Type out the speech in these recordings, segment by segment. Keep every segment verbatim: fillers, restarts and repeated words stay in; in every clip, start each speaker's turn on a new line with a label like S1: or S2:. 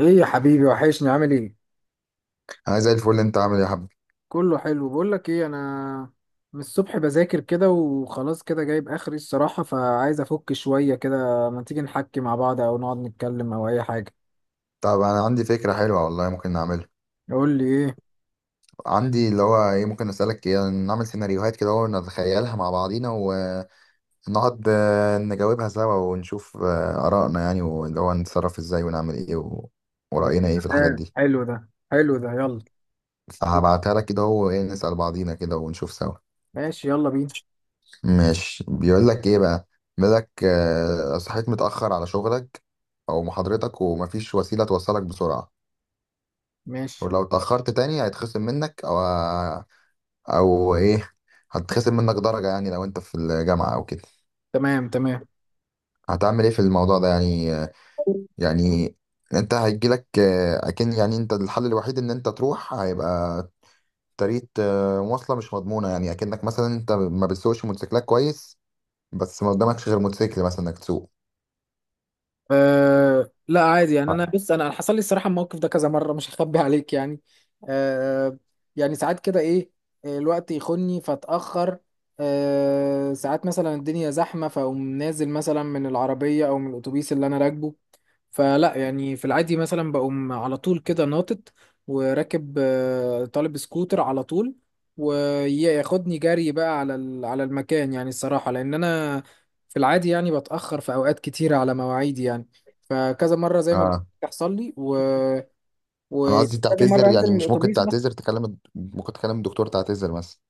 S1: ايه يا حبيبي وحشني، عامل ايه؟
S2: انا زي الفل. انت عامل ايه يا حبيبي؟
S1: كله حلو. بقول لك ايه، انا من الصبح بذاكر كده وخلاص كده جايب اخري الصراحة، فعايز افك شوية كده. ما تيجي نحكي مع بعض او نقعد نتكلم او اي حاجة؟
S2: طب انا عندي فكره حلوه والله، ممكن نعملها.
S1: قول لي ايه.
S2: عندي اللي هو ايه، ممكن اسالك، ايه نعمل سيناريوهات كده ونتخيلها مع بعضينا ونقعد، آه، نجاوبها سوا ونشوف آه، ارائنا يعني، واللي هو نتصرف ازاي ونعمل ايه و...
S1: يا
S2: وراينا ايه في الحاجات
S1: سلام،
S2: دي.
S1: حلو ده، حلو ده، يلا.
S2: فهبعتها لك كده، هو ايه، نسال بعضينا كده ونشوف سوا.
S1: ماشي، يلا بينا.
S2: ماشي، بيقول لك ايه بقى؟ بيقول لك آه، صحيت متاخر على شغلك او محاضرتك، ومفيش وسيله توصلك بسرعه،
S1: ماشي.
S2: ولو اتاخرت تاني هيتخصم منك، او او ايه، هتخصم منك درجة، يعني لو انت في الجامعة او كده.
S1: تمام تمام.
S2: هتعمل ايه في الموضوع ده يعني يعني انت هيجيلك آه، اكن يعني انت الحل الوحيد ان انت تروح، هيبقى طريقة آه، مواصلة مش مضمونة، يعني اكنك مثلا انت ما بتسوقش موتوسيكلات كويس، بس ما قدامكش غير موتوسيكل مثلا انك تسوق.
S1: أه لا عادي، يعني انا بص، انا أنا حصل لي الصراحه الموقف ده كذا مره، مش هخبي عليك يعني. أه يعني ساعات كده ايه، آه، الوقت يخني فاتاخر. أه ساعات مثلا الدنيا زحمه، فاقوم نازل مثلا من العربيه او من الاتوبيس اللي انا راكبه، فلا يعني في العادي مثلا بقوم على طول كده ناطط وراكب، آه، طالب سكوتر على طول، وياخدني جري بقى على ال- على المكان، يعني الصراحة لأن أنا في العادي يعني بتأخر في أوقات كتيرة على مواعيدي يعني. فكذا مرة زي ما
S2: اه،
S1: بتحصل لي و...
S2: انا قصدي
S1: وكذا مرة
S2: تعتذر،
S1: أنزل
S2: يعني
S1: من
S2: مش ممكن
S1: الأتوبيس مثلا.
S2: تعتذر تكلم، ممكن تكلم الدكتور تعتذر مثلا.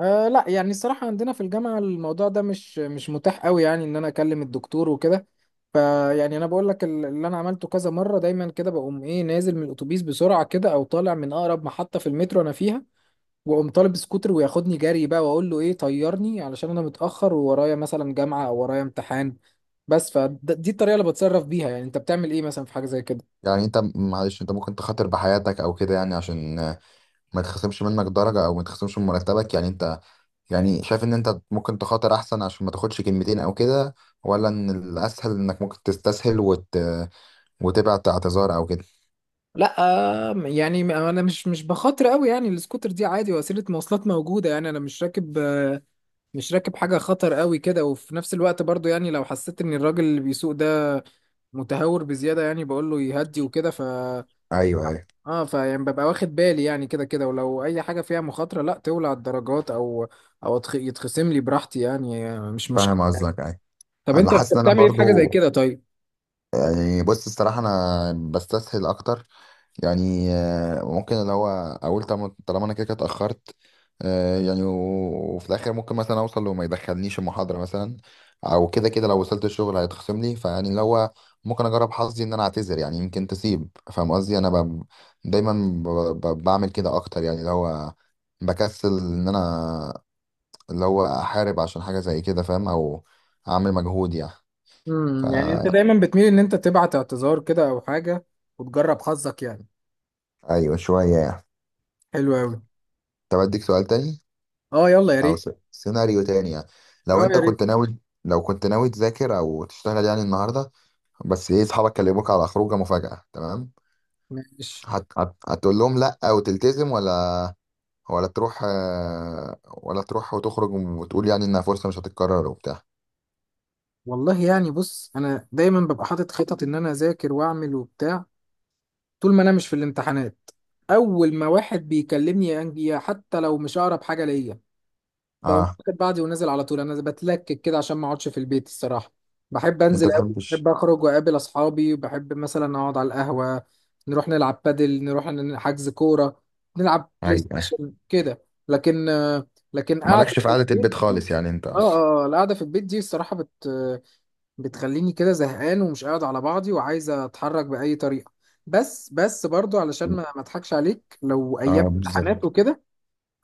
S1: آه لا، يعني الصراحة عندنا في الجامعة الموضوع ده مش مش متاح قوي، يعني إن أنا أكلم الدكتور وكده. فيعني أنا بقول لك ال- اللي أنا عملته كذا مرة، دايما كده بقوم إيه نازل من الأتوبيس بسرعة كده، أو طالع من أقرب محطة في المترو أنا فيها، واقوم طالب سكوتر وياخدني جري بقى، واقول له ايه، طيرني علشان انا متاخر وورايا مثلا جامعه او ورايا امتحان. بس فدي الطريقه اللي بتصرف بيها. يعني انت بتعمل ايه مثلا في حاجه زي كده؟
S2: يعني انت معلش، انت ممكن تخاطر بحياتك او كده يعني عشان آه، ما يتخصمش منك درجة او ما يتخصمش من مرتبك، يعني انت يعني شايف ان انت ممكن تخاطر احسن عشان ما تاخدش كلمتين او كده؟ ولا ان الاسهل انك ممكن تستسهل وت... وتبعت اعتذار او كده؟
S1: لا آه، يعني انا مش مش بخاطر قوي، يعني السكوتر دي عادي وسيله مواصلات موجوده، يعني انا مش راكب، آه، مش راكب حاجه خطر قوي كده. وفي نفس الوقت برضو يعني لو حسيت ان الراجل اللي بيسوق ده متهور بزياده، يعني بقول له يهدي وكده، ف
S2: ايوه، ايوه،
S1: اه فيعني ببقى واخد بالي، يعني كده كده ولو اي حاجه فيها مخاطره لا، تولع الدرجات او او أتخ- يتخصم لي براحتي يعني، مش مشكله.
S2: فاهم قصدك. ايوه،
S1: طب
S2: انا
S1: انت بت-
S2: حاسس ان انا
S1: بتعمل ايه في حاجه زي
S2: برضو
S1: كده طيب؟
S2: يعني، بص الصراحه انا بستسهل اكتر، يعني آه، ممكن اللي هو اقول طب- طالما انا كده كده اتاخرت، آه، يعني و- وفي الاخر ممكن مثلا اوصل وما يدخلنيش المحاضره مثلا، او كده كده لو وصلت الشغل هيتخصم لي، فيعني اللي هو ممكن اجرب حظي ان انا اعتذر، يعني يمكن تسيب، فاهم قصدي؟ انا ب... دايما ب... ب... بعمل كده اكتر، يعني اللي هو بكسل ان انا اللي هو احارب عشان حاجه زي كده، فاهم؟ او اعمل مجهود يعني.
S1: امم يعني انت
S2: فا
S1: دايما بتميل ان انت تبعت اعتذار كده او حاجه، وتجرب حظك يعني.
S2: ايوه، شويه يعني.
S1: حلو قوي.
S2: طب اديك سؤال تاني،
S1: اه يلا يا
S2: او
S1: ريت.
S2: س- سيناريو تاني يعني. لو
S1: اه يا
S2: انت
S1: ريت.
S2: كنت ناوي، لو كنت ناوي تذاكر او تشتغل يعني النهارده، بس ايه، اصحابك كلموك على خروجه مفاجأة تمام،
S1: ماشي.
S2: هت... هت... هتقول لهم لا وتلتزم، ولا ولا تروح آه، ولا تروح وتخرج وتقول يعني انها فرصة مش هتتكرر وبتاع؟
S1: والله يعني بص، انا دايما ببقى حاطط خطط ان انا اذاكر واعمل وبتاع، طول ما انا مش في الامتحانات. اول ما واحد بيكلمني يا أنجي، حتى لو مش اقرب حاجه ليا، بقوم
S2: اه،
S1: واخد بعضي ونازل على طول. انا بتلكك كده عشان ما اقعدش في البيت الصراحه. بحب انزل
S2: انت
S1: قوي،
S2: تحبش؟
S1: بحب اخرج واقابل اصحابي، بحب مثلا اقعد على القهوه، نروح نلعب بادل، نروح ن- حجز كوره، نلعب بلاي
S2: ايوه.
S1: ستيشن كده. لكن لكن قاعده
S2: مالكش في
S1: في
S2: قعدة البيت
S1: البيت دي،
S2: خالص يعني انت
S1: اه
S2: اصلا.
S1: اه آه، القعده في البيت دي الصراحه بت بتخليني كده زهقان ومش قاعد على بعضي وعايز اتحرك باي طريقه. بس بس برضو علشان ما ما اضحكش عليك، لو ايام
S2: اه،
S1: امتحانات
S2: بالظبط.
S1: وكده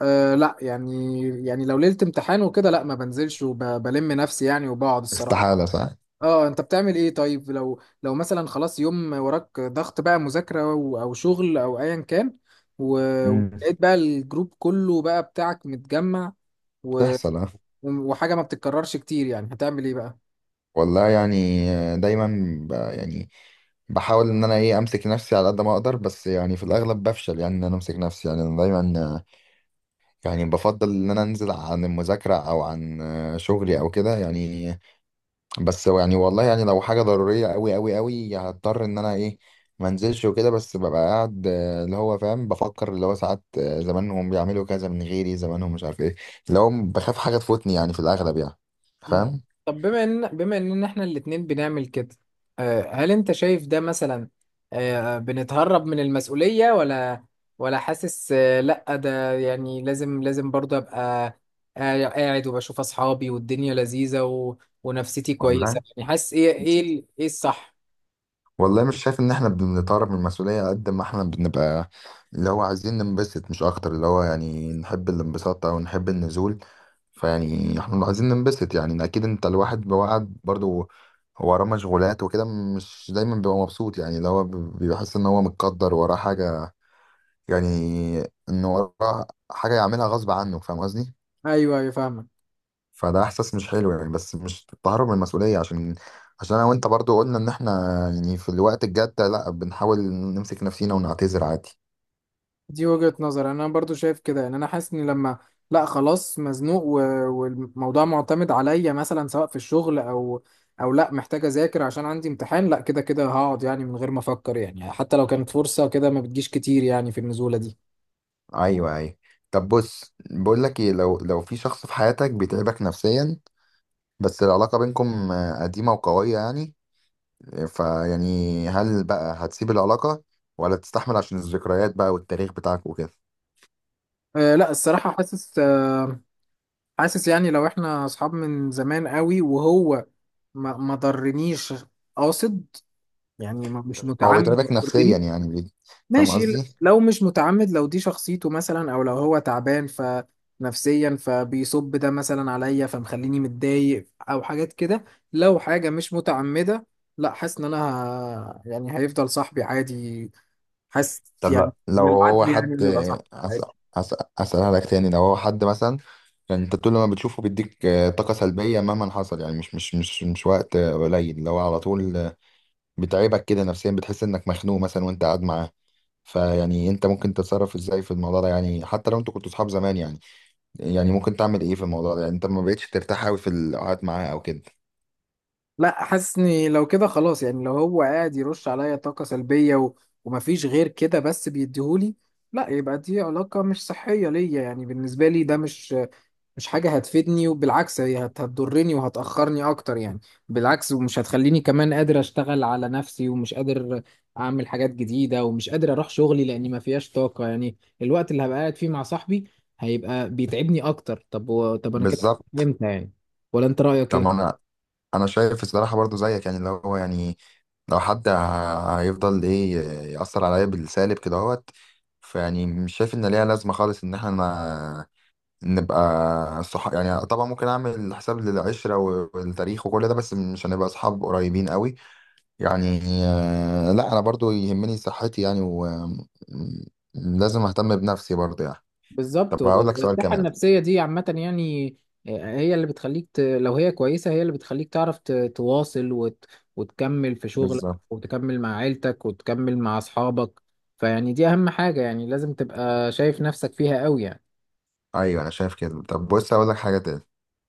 S1: أه لا يعني، يعني لو ليلة امتحان وكده لا ما بنزلش وبلم نفسي يعني، وبقعد الصراحة.
S2: استحالة صح؟
S1: اه، انت بتعمل ايه طيب لو لو مثلا خلاص يوم وراك ضغط بقى مذاكرة و- او شغل او ايا كان، و-
S2: امم.
S1: ولقيت بقى الجروب كله بقى بتاعك متجمع، و...
S2: بتحصل، اه.
S1: وحاجة ما بتتكررش كتير، يعني هتعمل ايه بقى؟
S2: والله يعني، دايما ب... يعني بحاول ان انا ايه امسك نفسي على قد ما اقدر، بس يعني في الاغلب بفشل يعني ان انا امسك نفسي، يعني انا دايما يعني بفضل ان انا انزل عن المذاكره او عن شغلي او كده يعني. بس يعني والله يعني لو حاجه ضروريه قوي قوي قوي هضطر ان انا ايه ما انزلش وكده، بس ببقى قاعد آه، اللي هو فاهم، بفكر اللي هو ساعات آه، زمانهم بيعملوا كذا من غيري، زمانهم مش عارف ايه، اللي هو بخاف حاجه تفوتني يعني في الاغلب يعني،
S1: مم.
S2: فاهم؟
S1: طب بما ان، بما ان احنا الاتنين بنعمل كده، آه، هل انت شايف ده مثلا، آه، بنتهرب من المسؤولية، ولا ولا حاسس، آه، لا ده يعني لازم لازم برضه ابقى قاع- قاعد وبشوف اصحابي والدنيا لذيذة و... ونفسيتي
S2: والله،
S1: كويسة؟ يعني حاسس ايه، ايه ال- ايه الصح؟
S2: والله مش شايف ان احنا بنتهرب من المسؤولية، قد ما احنا بنبقى اللي هو عايزين ننبسط مش اكتر، اللي هو يعني نحب الانبساط او نحب النزول. فيعني احنا عايزين ننبسط يعني، اكيد انت الواحد بيوعد برضو هو وراه مشغولات وكده، مش دايما بيبقى مبسوط يعني، اللي هو بي- بيحس ان هو متقدر وراه حاجة، يعني ان وراه حاجة يعملها غصب عنه، فاهم قصدي؟
S1: ايوه ايوه فاهمك.
S2: فده احساس مش حلو يعني، بس مش تهرب من المسؤوليه، عشان عشان انا وانت برضو قلنا ان احنا يعني في الوقت الجد ده لا بنحاول نمسك نفسينا ونعتذر عادي.
S1: دي وجهة نظر، انا برضو شايف كده. يعني انا حاسس ان لما، لا خلاص مزنوق و... والموضوع معتمد عليا مثلا سواء في الشغل او او لا محتاج اذاكر عشان عندي امتحان، لا كده كده هقعد يعني من غير ما افكر، يعني حتى لو كانت فرصة كده ما بتجيش كتير يعني في النزولة دي.
S2: ايوه، ايوه. طب بص، بقول لك ايه، لو لو في شخص في حياتك بيتعبك نفسيا، بس العلاقه بينكم آه، قديمه وقويه يعني، فيعني هل بقى هتسيب العلاقه ولا تستحمل عشان الذكريات بقى والتاريخ بتاعك وكده؟
S1: أه لا الصراحة، حاسس أه، حاسس يعني لو احنا اصحاب من زمان قوي وهو ما ما ضرنيش قاصد، يعني ما- مش
S2: هو
S1: متعمد
S2: بيتعبك نفسيا
S1: يضرني،
S2: يعني بي- فاهم
S1: ماشي ل-
S2: قصدي؟
S1: لو مش متعمد، لو دي شخصيته مثلا او لو هو تعبان ف نفسيا فبيصب ده مثلا عليا فمخليني متضايق او حاجات كده، لو حاجة مش متعمدة لا حاسس ان انا ه... يعني هيفضل صاحبي عادي. حاسس
S2: طب
S1: يعني
S2: لا، لو
S1: من
S2: هو
S1: العدل
S2: حد،
S1: يعني انه يبقى صاحبي
S2: أس-
S1: عادي.
S2: أس- أسألها لك تاني، لو هو حد مثلا يعني انت طول ما بتشوفه بيديك آه، طاقة سلبية مهما حصل، يعني مش مش مش مش وقت آه، قليل، لو على طول آه، بتعبك كده نفسيا، بتحس انك مخنوق مثلا وانت قاعد معاه، فيعني انت ممكن تتصرف ازاي في الموضوع ده يعني، حتى لو انتوا كنتوا صحاب زمان يعني؟ يعني ممكن تعمل ايه في الموضوع ده يعني، انت ما بقتش ترتاح قوي في القعد معاه او كده؟
S1: لا حاسس اني لو كده خلاص، يعني لو هو قاعد يرش عليا طاقة سلبية و... ومفيش غير كده بس بيديهولي، لا يبقى دي علاقة مش صحية ليا، يعني بالنسبة لي ده مش مش حاجة هتفيدني، وبالعكس هي هت- هتضرني وهتأخرني أكتر يعني. بالعكس، ومش هتخليني كمان قادر أشتغل على نفسي، ومش قادر أعمل حاجات جديدة، ومش قادر أروح شغلي لأني ما فيهاش طاقة يعني. الوقت اللي هبقى قاعد فيه مع صاحبي هيبقى بيتعبني أكتر. طب و... طب أنا كده
S2: بالظبط،
S1: فهمت يعني، ولا أنت رأيك إيه؟
S2: طبعا. انا شايف الصراحه برضو زيك يعني، اللي هو يعني لو حد ه- هيفضل ايه، يأثر عليا بالسالب كده اهوت، فيعني مش شايف ان ليها لازمه خالص ان احنا ن- نبقى صح يعني، طبعا ممكن اعمل حساب للعشره و- والتاريخ وكل ده، بس مش هنبقى اصحاب قريبين قوي يعني، آه، لا انا برضو يهمني صحتي يعني، ولازم اهتم بنفسي برضو يعني. طب
S1: بالظبط،
S2: هقول لك سؤال
S1: والصحة
S2: كمان.
S1: النفسية دي عامة يعني، آه، هي اللي بتخليك ت... لو هي كويسة هي اللي بتخليك تعرف ت... تواصل وت... وتكمل في شغلك،
S2: بالظبط.
S1: وتكمل مع عيلتك، وتكمل مع أصحابك. فيعني دي أهم حاجة، يعني لازم تبقى شايف نفسك فيها قوي يعني.
S2: ايوه، انا شايف كده. طب بص، هقول لك حاجه تاني،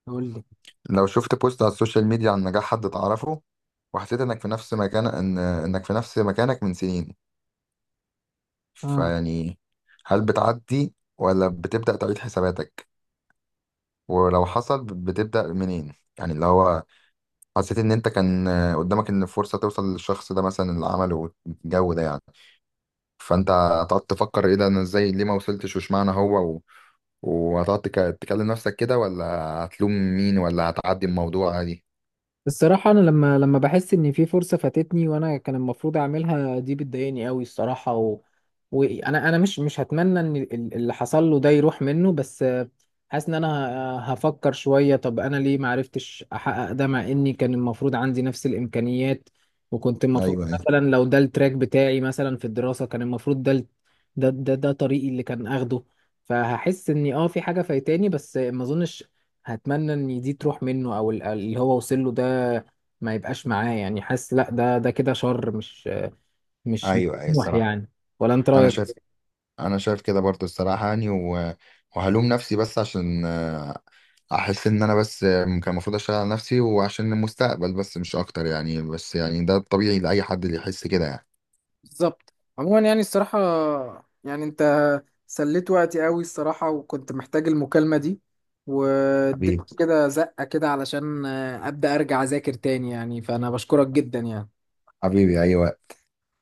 S1: قول لي.
S2: لو شفت بوست على السوشيال ميديا عن نجاح حد تعرفه، وحسيت انك في نفس مكان، ان انك في نفس مكانك من سنين،
S1: اه،
S2: فيعني هل بتعدي ولا بتبدأ تعيد حساباتك؟ ولو حصل بتبدأ منين؟ يعني اللي هو حسيت ان انت كان قدامك ان فرصة توصل للشخص ده مثلا اللي عمله الجو ده يعني، فانت هتقعد تفكر ايه ده، انا ازاي، ليه ما وصلتش وش معنى، هو و... وهتقعد تك- تكلم نفسك كده، ولا هتلوم مين، ولا هتعدي الموضوع عادي؟
S1: الصراحة أنا لما، لما بحس إن في فرصة فاتتني وأنا كان المفروض أعملها، دي بتضايقني قوي الصراحة. وانا انا مش مش هتمنى ان ال- اللي حصل له ده يروح منه، بس آه، حاسس ان انا ه- هفكر شوية، طب انا ليه ما عرفتش احقق ده، مع اني كان المفروض عندي نفس الامكانيات، وكنت المفروض
S2: ايوه،
S1: مثلا لو ده التراك بتاعي مثلا في الدراسة، كان المفروض ده ال- ده ده, ده طريقي اللي كان اخده. فهحس اني اه في حاجة فايتاني، بس آه، ما اظنش هتمنى ان دي تروح منه، او ال- اللي هو وصل له ده ما يبقاش معاه. يعني حاسس لا ده ده كده شر، مش مش مش
S2: ايوه. ايوه
S1: طموح
S2: الصراحة.
S1: يعني. ولا انت
S2: انا شايف،
S1: رايك؟
S2: انا شايف كده برضو الصراحه يعني، و... وهلوم نفسي بس عشان آه، احس ان انا بس آه، كان المفروض اشتغل على نفسي وعشان المستقبل، بس مش اكتر يعني، بس يعني ده الطبيعي لاي حد اللي يحس كده يعني.
S1: بالظبط. عموما يعني الصراحة، يعني انت سليت وقتي قوي الصراحة، وكنت محتاج المكالمة دي، واديت
S2: حبيبي،
S1: كده زقة كده علشان آه، ابدأ ارجع اذاكر تاني يعني، فانا بشكرك جدا يعني.
S2: حبيبي، ايوه.